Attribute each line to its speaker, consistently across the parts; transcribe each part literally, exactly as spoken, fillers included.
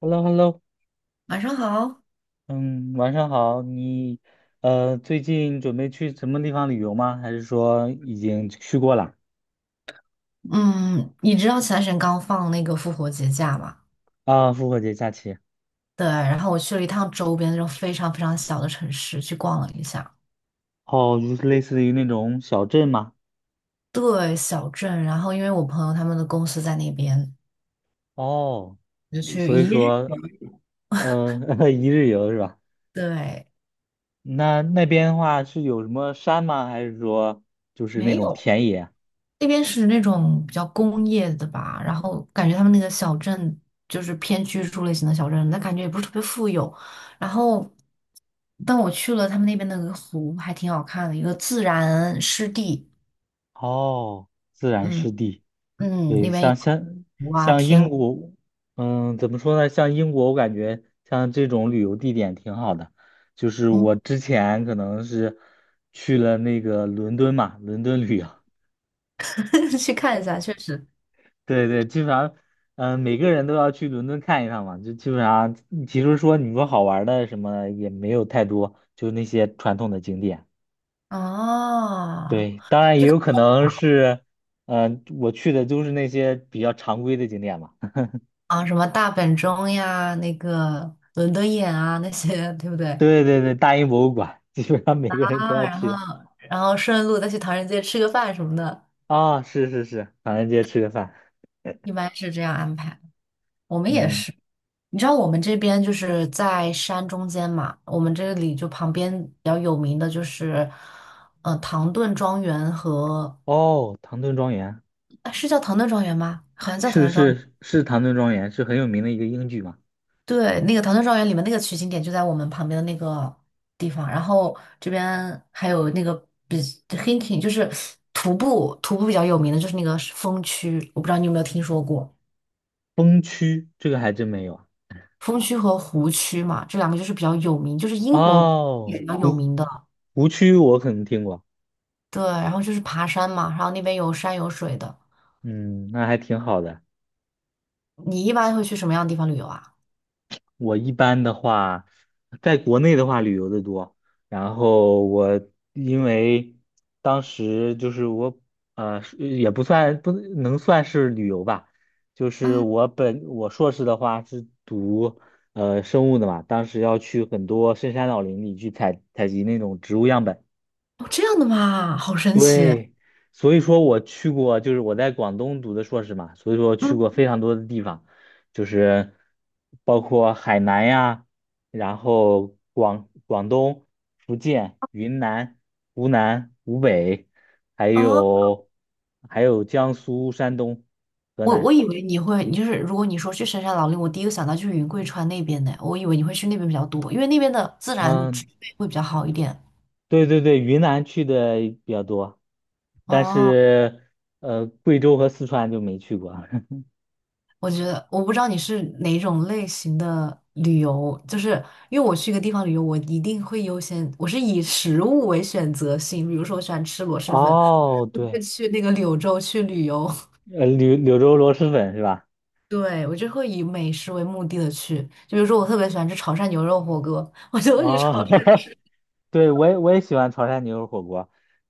Speaker 1: Hello，Hello，
Speaker 2: 晚上好。
Speaker 1: 嗯，晚上好。你呃，最近准备去什么地方旅游吗？还是说已经去过了？
Speaker 2: 嗯，你知道前段时间刚放那个复活节假吗？
Speaker 1: 啊，复活节假期。
Speaker 2: 对，然后我去了一趟周边那种非常非常小的城市去逛了一下。
Speaker 1: 哦，就是类似于那种小镇吗？
Speaker 2: 对，小镇。然后因为我朋友他们的公司在那边，
Speaker 1: 哦，
Speaker 2: 就去
Speaker 1: 所以
Speaker 2: 一日。
Speaker 1: 说，嗯、呃，一日游是吧？
Speaker 2: 对，
Speaker 1: 那那边的话是有什么山吗？还是说就是那
Speaker 2: 没
Speaker 1: 种
Speaker 2: 有，
Speaker 1: 田野？
Speaker 2: 那边是那种比较工业的吧，然后感觉他们那个小镇就是偏居住类型的小镇，但感觉也不是特别富有。然后，但我去了他们那边的那个湖，还挺好看的，一个自然湿地。
Speaker 1: 哦，自然
Speaker 2: 嗯。
Speaker 1: 湿地。
Speaker 2: 嗯，
Speaker 1: 对，
Speaker 2: 那边有
Speaker 1: 像像
Speaker 2: 哇
Speaker 1: 像
Speaker 2: 天
Speaker 1: 英
Speaker 2: 鹅。
Speaker 1: 国，嗯，怎么说呢？像英国，我感觉像这种旅游地点挺好的。就是我
Speaker 2: 嗯，
Speaker 1: 之前可能是去了那个伦敦嘛，伦敦旅游，
Speaker 2: 去看一下，确实。
Speaker 1: 对对，基本上，嗯，每个人都要去伦敦看一趟嘛。就基本上，其实说你说好玩的什么也没有太多，就那些传统的景点。
Speaker 2: 哦，
Speaker 1: 对，当然也有可能是，嗯、我去的都是那些比较常规的景点嘛。
Speaker 2: 啊，什么大本钟呀，那个伦敦眼啊，那些，对不对？
Speaker 1: 对对对，大英博物馆，基本上每
Speaker 2: 啊，
Speaker 1: 个人都要
Speaker 2: 然
Speaker 1: 去
Speaker 2: 后然后顺路再去唐人街吃个饭什么的，
Speaker 1: 啊、是是是，唐人街吃个饭，
Speaker 2: 一般是这样安排。我们也
Speaker 1: 嗯，
Speaker 2: 是，你知道我们这边就是在山中间嘛，我们这里就旁边比较有名的就是，呃，唐顿庄园和，
Speaker 1: 哦，唐顿庄园
Speaker 2: 啊是叫唐顿庄园吗？好像叫唐
Speaker 1: 是
Speaker 2: 顿庄园。
Speaker 1: 是是唐顿庄园，是很有名的一个英剧嘛。
Speaker 2: 对，那个《唐顿庄园》里面那个取景点就在我们旁边的那个地方，然后这边还有那个比 hiking,就是徒步，徒步比较有名的就是那个是峰区，我不知道你有没有听说过
Speaker 1: 崩区这个还真没有啊
Speaker 2: 峰区和湖区嘛，这两个就是比较有名，就是英国也
Speaker 1: 哦，
Speaker 2: 比较有名的。
Speaker 1: 湖区我可能听过，
Speaker 2: 对，然后就是爬山嘛，然后那边有山有水的。
Speaker 1: 嗯，那还挺好的。
Speaker 2: 你一般会去什么样的地方旅游啊？
Speaker 1: 我一般的话，在国内的话旅游的多，然后我因为当时就是我呃是也不算不能算是旅游吧，就是
Speaker 2: 嗯，
Speaker 1: 我本我硕士的话是读呃生物的嘛，当时要去很多深山老林里去采采集那种植物样本。
Speaker 2: 哦这样的嘛，好神奇。
Speaker 1: 对，所以说我去过，就是我在广东读的硕士嘛，所以说去过非
Speaker 2: 嗯，
Speaker 1: 常多的地方，就是包括海南呀，然后广广东、福建、云南、湖南、湖北，还
Speaker 2: 哦。
Speaker 1: 有还有江苏、山东、河
Speaker 2: 我我
Speaker 1: 南。
Speaker 2: 以为你会，你就是如果你说去深山老林，我第一个想到就是云贵川那边的，我以为你会去那边比较多，因为那边的自然植
Speaker 1: 嗯，
Speaker 2: 被会比较好一点。
Speaker 1: 对对对，云南去的比较多，但
Speaker 2: 哦，
Speaker 1: 是呃，贵州和四川就没去过。
Speaker 2: 我觉得我不知道你是哪种类型的旅游，就是因为我去一个地方旅游，我一定会优先，我是以食物为选择性，比如说我喜欢吃螺蛳粉，
Speaker 1: 哦，
Speaker 2: 就会
Speaker 1: 对。
Speaker 2: 去那个柳州去旅游。
Speaker 1: 呃，柳柳州螺蛳粉是吧？
Speaker 2: 对，我就会以美食为目的的去，就比如说我特别喜欢吃潮汕牛肉火锅，我就会去潮
Speaker 1: 哦，
Speaker 2: 汕。
Speaker 1: 对，我也我也喜欢潮汕牛肉火锅，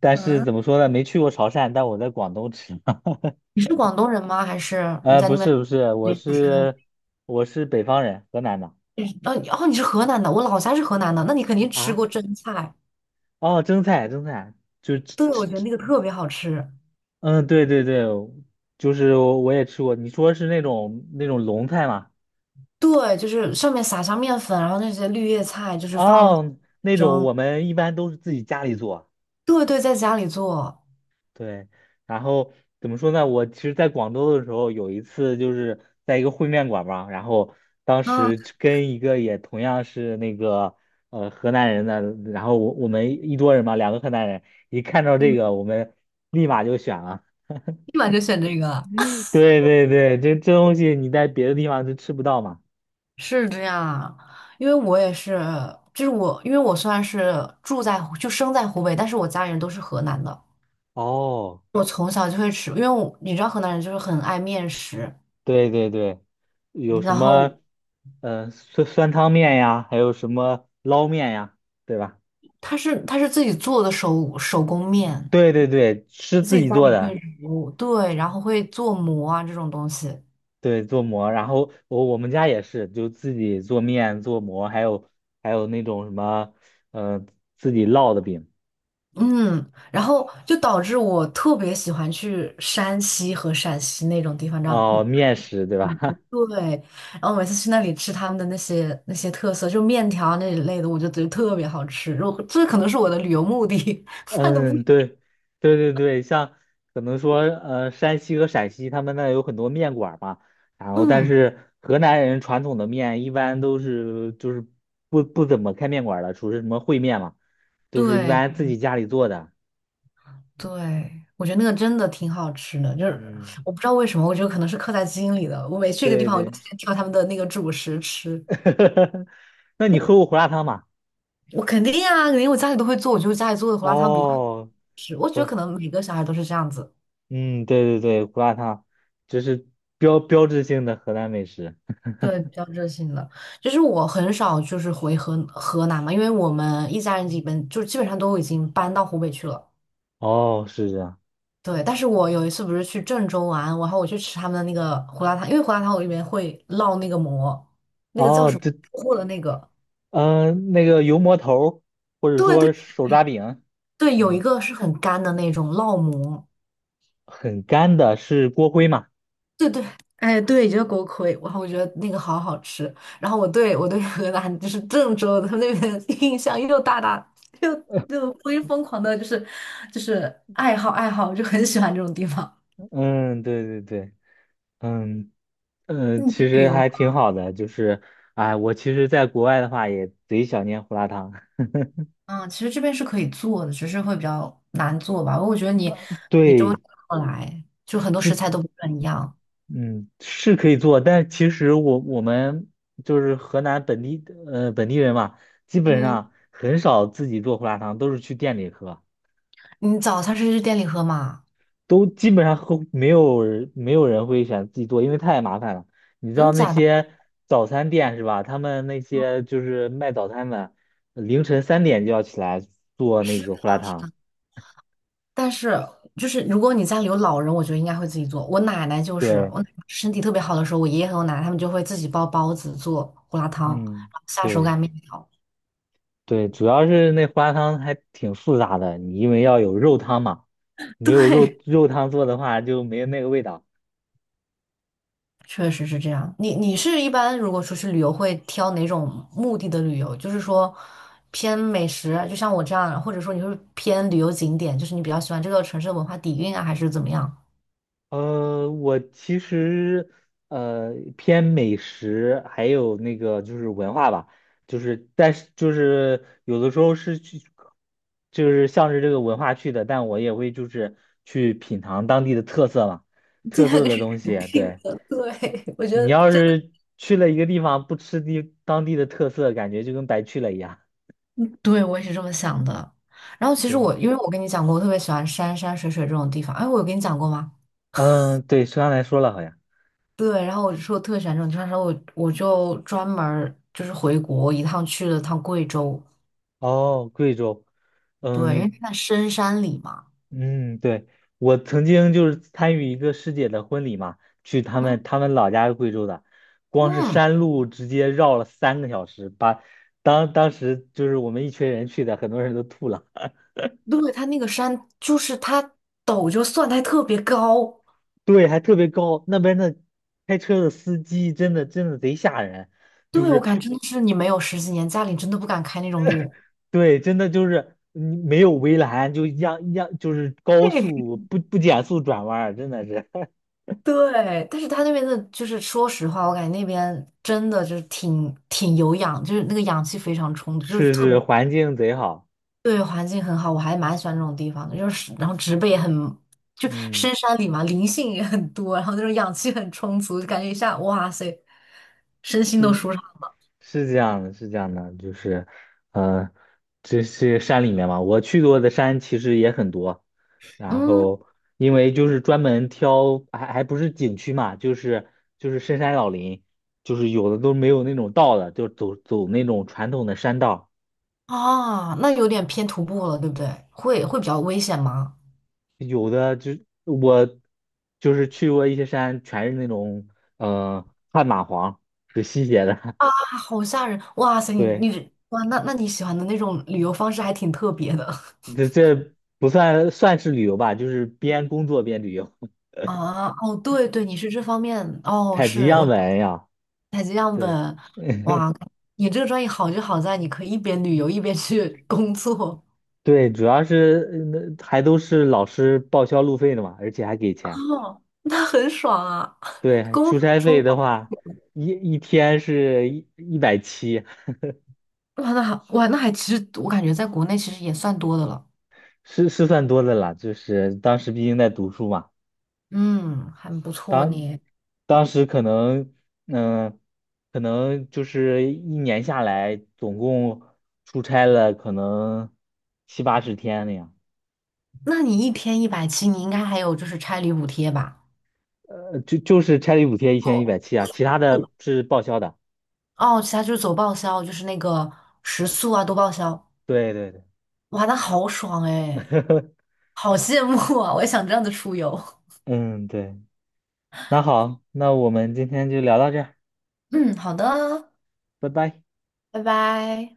Speaker 1: 但是
Speaker 2: 嗯，
Speaker 1: 怎么说呢，没去过潮汕，但我在广东吃。
Speaker 2: 你是广东人吗？还是你
Speaker 1: 呃，
Speaker 2: 在
Speaker 1: 不
Speaker 2: 那边？
Speaker 1: 是不是，我
Speaker 2: 哦，
Speaker 1: 是我是北方人，河南的
Speaker 2: 呃，哦，你是河南的，我老家是河南的，那你肯定吃
Speaker 1: 啊。
Speaker 2: 过蒸菜。
Speaker 1: 哦，蒸菜蒸菜，就吃
Speaker 2: 对，
Speaker 1: 吃
Speaker 2: 我觉得
Speaker 1: 吃，
Speaker 2: 那个特别好吃。
Speaker 1: 嗯，对对对，就是我我也吃过。你说是那种那种龙菜吗？
Speaker 2: 对，就是上面撒上面粉，然后那些绿叶菜就是放
Speaker 1: 哦，那种
Speaker 2: 蒸。
Speaker 1: 我们一般都是自己家里做。
Speaker 2: 对对，在家里做
Speaker 1: 对，然后怎么说呢？我其实，在广州的时候，有一次就是在一个烩面馆嘛，然后当
Speaker 2: 啊。
Speaker 1: 时就跟一个也同样是那个呃河南人的，然后我我们一桌人嘛，两个河南人，一看到这
Speaker 2: 嗯，
Speaker 1: 个，我们立马就选了。
Speaker 2: 立马就选这个啊。
Speaker 1: 对对对，这这东西你在别的地方就吃不到嘛。
Speaker 2: 是这样，因为我也是，就是我，因为我虽然是住在湖就生在湖北，但是我家里人都是河南的。
Speaker 1: 哦，
Speaker 2: 我从小就会吃，因为我你知道河南人就是很爱面食，
Speaker 1: 对对对，有什
Speaker 2: 然
Speaker 1: 么
Speaker 2: 后
Speaker 1: 呃酸酸汤面呀，还有什么捞面呀，对吧？
Speaker 2: 他是他是自己做的手手工面，
Speaker 1: 对对对，是
Speaker 2: 自
Speaker 1: 自
Speaker 2: 己
Speaker 1: 己
Speaker 2: 家
Speaker 1: 做
Speaker 2: 里会
Speaker 1: 的。
Speaker 2: 揉，对，然后会做馍啊这种东西。
Speaker 1: 对，做馍，然后我我们家也是，就自己做面、做馍，还有还有那种什么，呃，自己烙的饼，
Speaker 2: 嗯，然后就导致我特别喜欢去山西和陕西那种地方，你知道吗？
Speaker 1: 哦，
Speaker 2: 嗯
Speaker 1: 面食，对吧？
Speaker 2: 对，然后每次去那里吃他们的那些那些特色，就面条啊那一类的，我就觉得特别好吃。我这可能是我的旅游目的，看的不
Speaker 1: 嗯，
Speaker 2: 一。
Speaker 1: 对，对对对，像可能说，呃，山西和陕西他们那有很多面馆儿嘛，然后但
Speaker 2: 嗯，
Speaker 1: 是河南人传统的面一般都是就是不不怎么开面馆儿的，属于什么烩面嘛，都是一
Speaker 2: 对，
Speaker 1: 般自己家里做的。
Speaker 2: 对，我觉得那个真的挺好吃的，就是
Speaker 1: 嗯，
Speaker 2: 我不知道为什么，我觉得可能是刻在基因里的。我每去一个地
Speaker 1: 对
Speaker 2: 方，我就
Speaker 1: 对，
Speaker 2: 先挑他们的那个主食吃。
Speaker 1: 那你喝过胡辣汤吗？
Speaker 2: 我肯定啊，肯定我家里都会做，我觉得家里做的胡辣汤比外面
Speaker 1: 哦，
Speaker 2: 吃。我觉
Speaker 1: 不
Speaker 2: 得
Speaker 1: 辣，
Speaker 2: 可能每个小孩都是这样子，
Speaker 1: 嗯，对对对，胡辣汤，这是标标志性的河南美食。
Speaker 2: 对，比较热性的。就是我很少就是回河河南嘛，因为我们一家人基本就基本上都已经搬到湖北去了。
Speaker 1: 哦，是这样。
Speaker 2: 对，但是我有一次不是去郑州玩，然后我去吃他们的那个胡辣汤，因为胡辣汤我里面会烙那个馍，那个叫
Speaker 1: 哦，
Speaker 2: 什么
Speaker 1: 这，
Speaker 2: 破的那个。
Speaker 1: 嗯、那个油馍头儿或者
Speaker 2: 对对
Speaker 1: 说手抓饼，
Speaker 2: 对，有一
Speaker 1: 嗯，
Speaker 2: 个是很干的那种烙馍，
Speaker 1: 很干的，是锅盔嘛？
Speaker 2: 对对，哎对，就是锅盔，然后我觉得那个好好吃。然后我对我对 河南就是郑州他们那边的印象又大大又又疯疯狂的，就是就是爱好爱好，就很喜欢这种地方。
Speaker 1: 嗯，对对对，嗯嗯、呃
Speaker 2: 你
Speaker 1: 其
Speaker 2: 旅
Speaker 1: 实
Speaker 2: 游，
Speaker 1: 还挺好的，就是，哎，我其实在国外的话也贼想念胡辣汤。
Speaker 2: 嗯，其实这边是可以做的，只是会比较难做吧。我觉得你你这么
Speaker 1: 对，
Speaker 2: 过来，就很多食材都不是很一样。
Speaker 1: 嗯，是可以做，但其实我我们就是河南本地呃本地人嘛，基本
Speaker 2: 嗯，
Speaker 1: 上很少自己做胡辣汤，都是去店里喝，
Speaker 2: 你早餐是去店里喝吗？
Speaker 1: 都基本上喝没有人没有人会选自己做，因为太麻烦了。你知
Speaker 2: 真
Speaker 1: 道
Speaker 2: 的
Speaker 1: 那
Speaker 2: 假的？
Speaker 1: 些早餐店是吧？他们那些就是卖早餐的，凌晨三点就要起来做那
Speaker 2: 是
Speaker 1: 个胡辣
Speaker 2: 的，是
Speaker 1: 汤。
Speaker 2: 的。但是就是如果你家里有老人，我觉得应该会自己做。我奶奶就是
Speaker 1: 对，
Speaker 2: 我奶奶身体特别好的时候，我爷爷和我奶奶他们就会自己包包子、做胡辣汤，然
Speaker 1: 嗯，
Speaker 2: 后下手
Speaker 1: 对。
Speaker 2: 擀面条。
Speaker 1: 对，主要是那花汤还挺复杂的，你因为要有肉汤嘛，没
Speaker 2: 对，
Speaker 1: 有肉肉汤做的话就没有那个味道。
Speaker 2: 确实是这样。你你是一般如果出去旅游会挑哪种目的的旅游？就是说偏美食，就像我这样，或者说你会偏旅游景点，就是你比较喜欢这个城市的文化底蕴啊，还是怎么样？
Speaker 1: 呃，我其实呃偏美食，还有那个就是文化吧，就是但是就是有的时候是去，就是向着这个文化去的，但我也会就是去品尝当地的特色嘛，
Speaker 2: 这
Speaker 1: 特色
Speaker 2: 个
Speaker 1: 的
Speaker 2: 是
Speaker 1: 东
Speaker 2: 肯
Speaker 1: 西，
Speaker 2: 定
Speaker 1: 对。
Speaker 2: 的。对，我觉
Speaker 1: 你
Speaker 2: 得。
Speaker 1: 要
Speaker 2: 这。
Speaker 1: 是去了一个地方不吃地当地的特色，感觉就跟白去了一样。
Speaker 2: 对，我也是这么想的。然后其实
Speaker 1: 对，
Speaker 2: 我，因为我跟你讲过，我特别喜欢山山水水这种地方。哎，我有跟你讲过吗？
Speaker 1: 嗯，对，是刚来说了，好像。
Speaker 2: 对，然后我就说我特别喜欢这种地方，然后我我就专门儿就是回国一趟去了趟贵州，
Speaker 1: 哦，贵州，
Speaker 2: 对，因为
Speaker 1: 嗯
Speaker 2: 它在深山里嘛。
Speaker 1: 嗯，对，我曾经就是参与一个师姐的婚礼嘛，去他
Speaker 2: 嗯
Speaker 1: 们他们老家是贵州的，光是
Speaker 2: 嗯，
Speaker 1: 山路直接绕了三个小时，把当当时就是我们一群人去的，很多人都吐了。
Speaker 2: 对，它那个山就是它陡就算，它还特别高。
Speaker 1: 对，还特别高，那边的开车的司机真的真的贼吓人，就
Speaker 2: 对，我
Speaker 1: 是
Speaker 2: 感觉真的是你没有十几年，家里真的不敢开那种路。
Speaker 1: 对，真的就是嗯没有围栏，就一样一样，就是高
Speaker 2: 嘿
Speaker 1: 速不不减速转弯儿真的是。
Speaker 2: 对，但是他那边的，就是说实话，我感觉那边真的就是挺挺有氧，就是那个氧气非常充足，就是
Speaker 1: 是
Speaker 2: 特别
Speaker 1: 是，环境贼好，
Speaker 2: 对环境很好，我还蛮喜欢这种地方的。就是然后植被也很，就
Speaker 1: 嗯，
Speaker 2: 深山里嘛，灵性也很多，然后那种氧气很充足，就感觉一下哇塞，身心都
Speaker 1: 是
Speaker 2: 舒畅。
Speaker 1: 是这样的，是这样的，就是，呃，这是山里面嘛，我去过的山其实也很多，然
Speaker 2: 嗯
Speaker 1: 后因为就是专门挑，还还不是景区嘛，就是就是深山老林，就是有的都没有那种道的，就走走那种传统的山道，
Speaker 2: 啊，那有点偏徒步了，对不对？会会比较危险吗？
Speaker 1: 有的就我就是去过一些山，全是那种呃旱蚂蟥，就吸血的，
Speaker 2: 啊，好吓人！哇塞，你
Speaker 1: 对。
Speaker 2: 你哇，那那你喜欢的那种旅游方式还挺特别的。
Speaker 1: 这这不算算是旅游吧，就是边工作边旅游，
Speaker 2: 啊，哦，对对，你是这方面，哦，
Speaker 1: 采集
Speaker 2: 是
Speaker 1: 样
Speaker 2: 我
Speaker 1: 本呀。
Speaker 2: 采集样
Speaker 1: 对，
Speaker 2: 本，哇，你这个专业好就好在你可以一边旅游一边去工作。
Speaker 1: 对，主要是嗯还都是老师报销路费的嘛，而且还给 钱。
Speaker 2: 哦，那很爽啊。
Speaker 1: 对，
Speaker 2: 工
Speaker 1: 出
Speaker 2: 作
Speaker 1: 差
Speaker 2: 舒
Speaker 1: 费的
Speaker 2: 服
Speaker 1: 话，一一天是一一百七，
Speaker 2: 哇，那还哇，那还其实我感觉在国内其实也算多的了。
Speaker 1: 是是算多的了。就是当时毕竟在读书嘛，
Speaker 2: 嗯，很不错
Speaker 1: 当
Speaker 2: 呢。
Speaker 1: 当时可能嗯、可能就是一年下来，总共出差了可能七八十天那样。
Speaker 2: 那你一天一百七，你应该还有就是差旅补贴吧？
Speaker 1: 呃，就就是差旅补贴一千一
Speaker 2: 哦，
Speaker 1: 百七啊，其他的
Speaker 2: 不
Speaker 1: 是报销的。
Speaker 2: 哦，其他就是走报销，就是那个食宿啊都报销，
Speaker 1: 对对对，
Speaker 2: 哇，那好爽哎。好羡慕啊！我也想这样子出游。
Speaker 1: 嗯，对，那好，那我们今天就聊到这儿，
Speaker 2: 嗯，好的，
Speaker 1: 拜拜。
Speaker 2: 拜拜。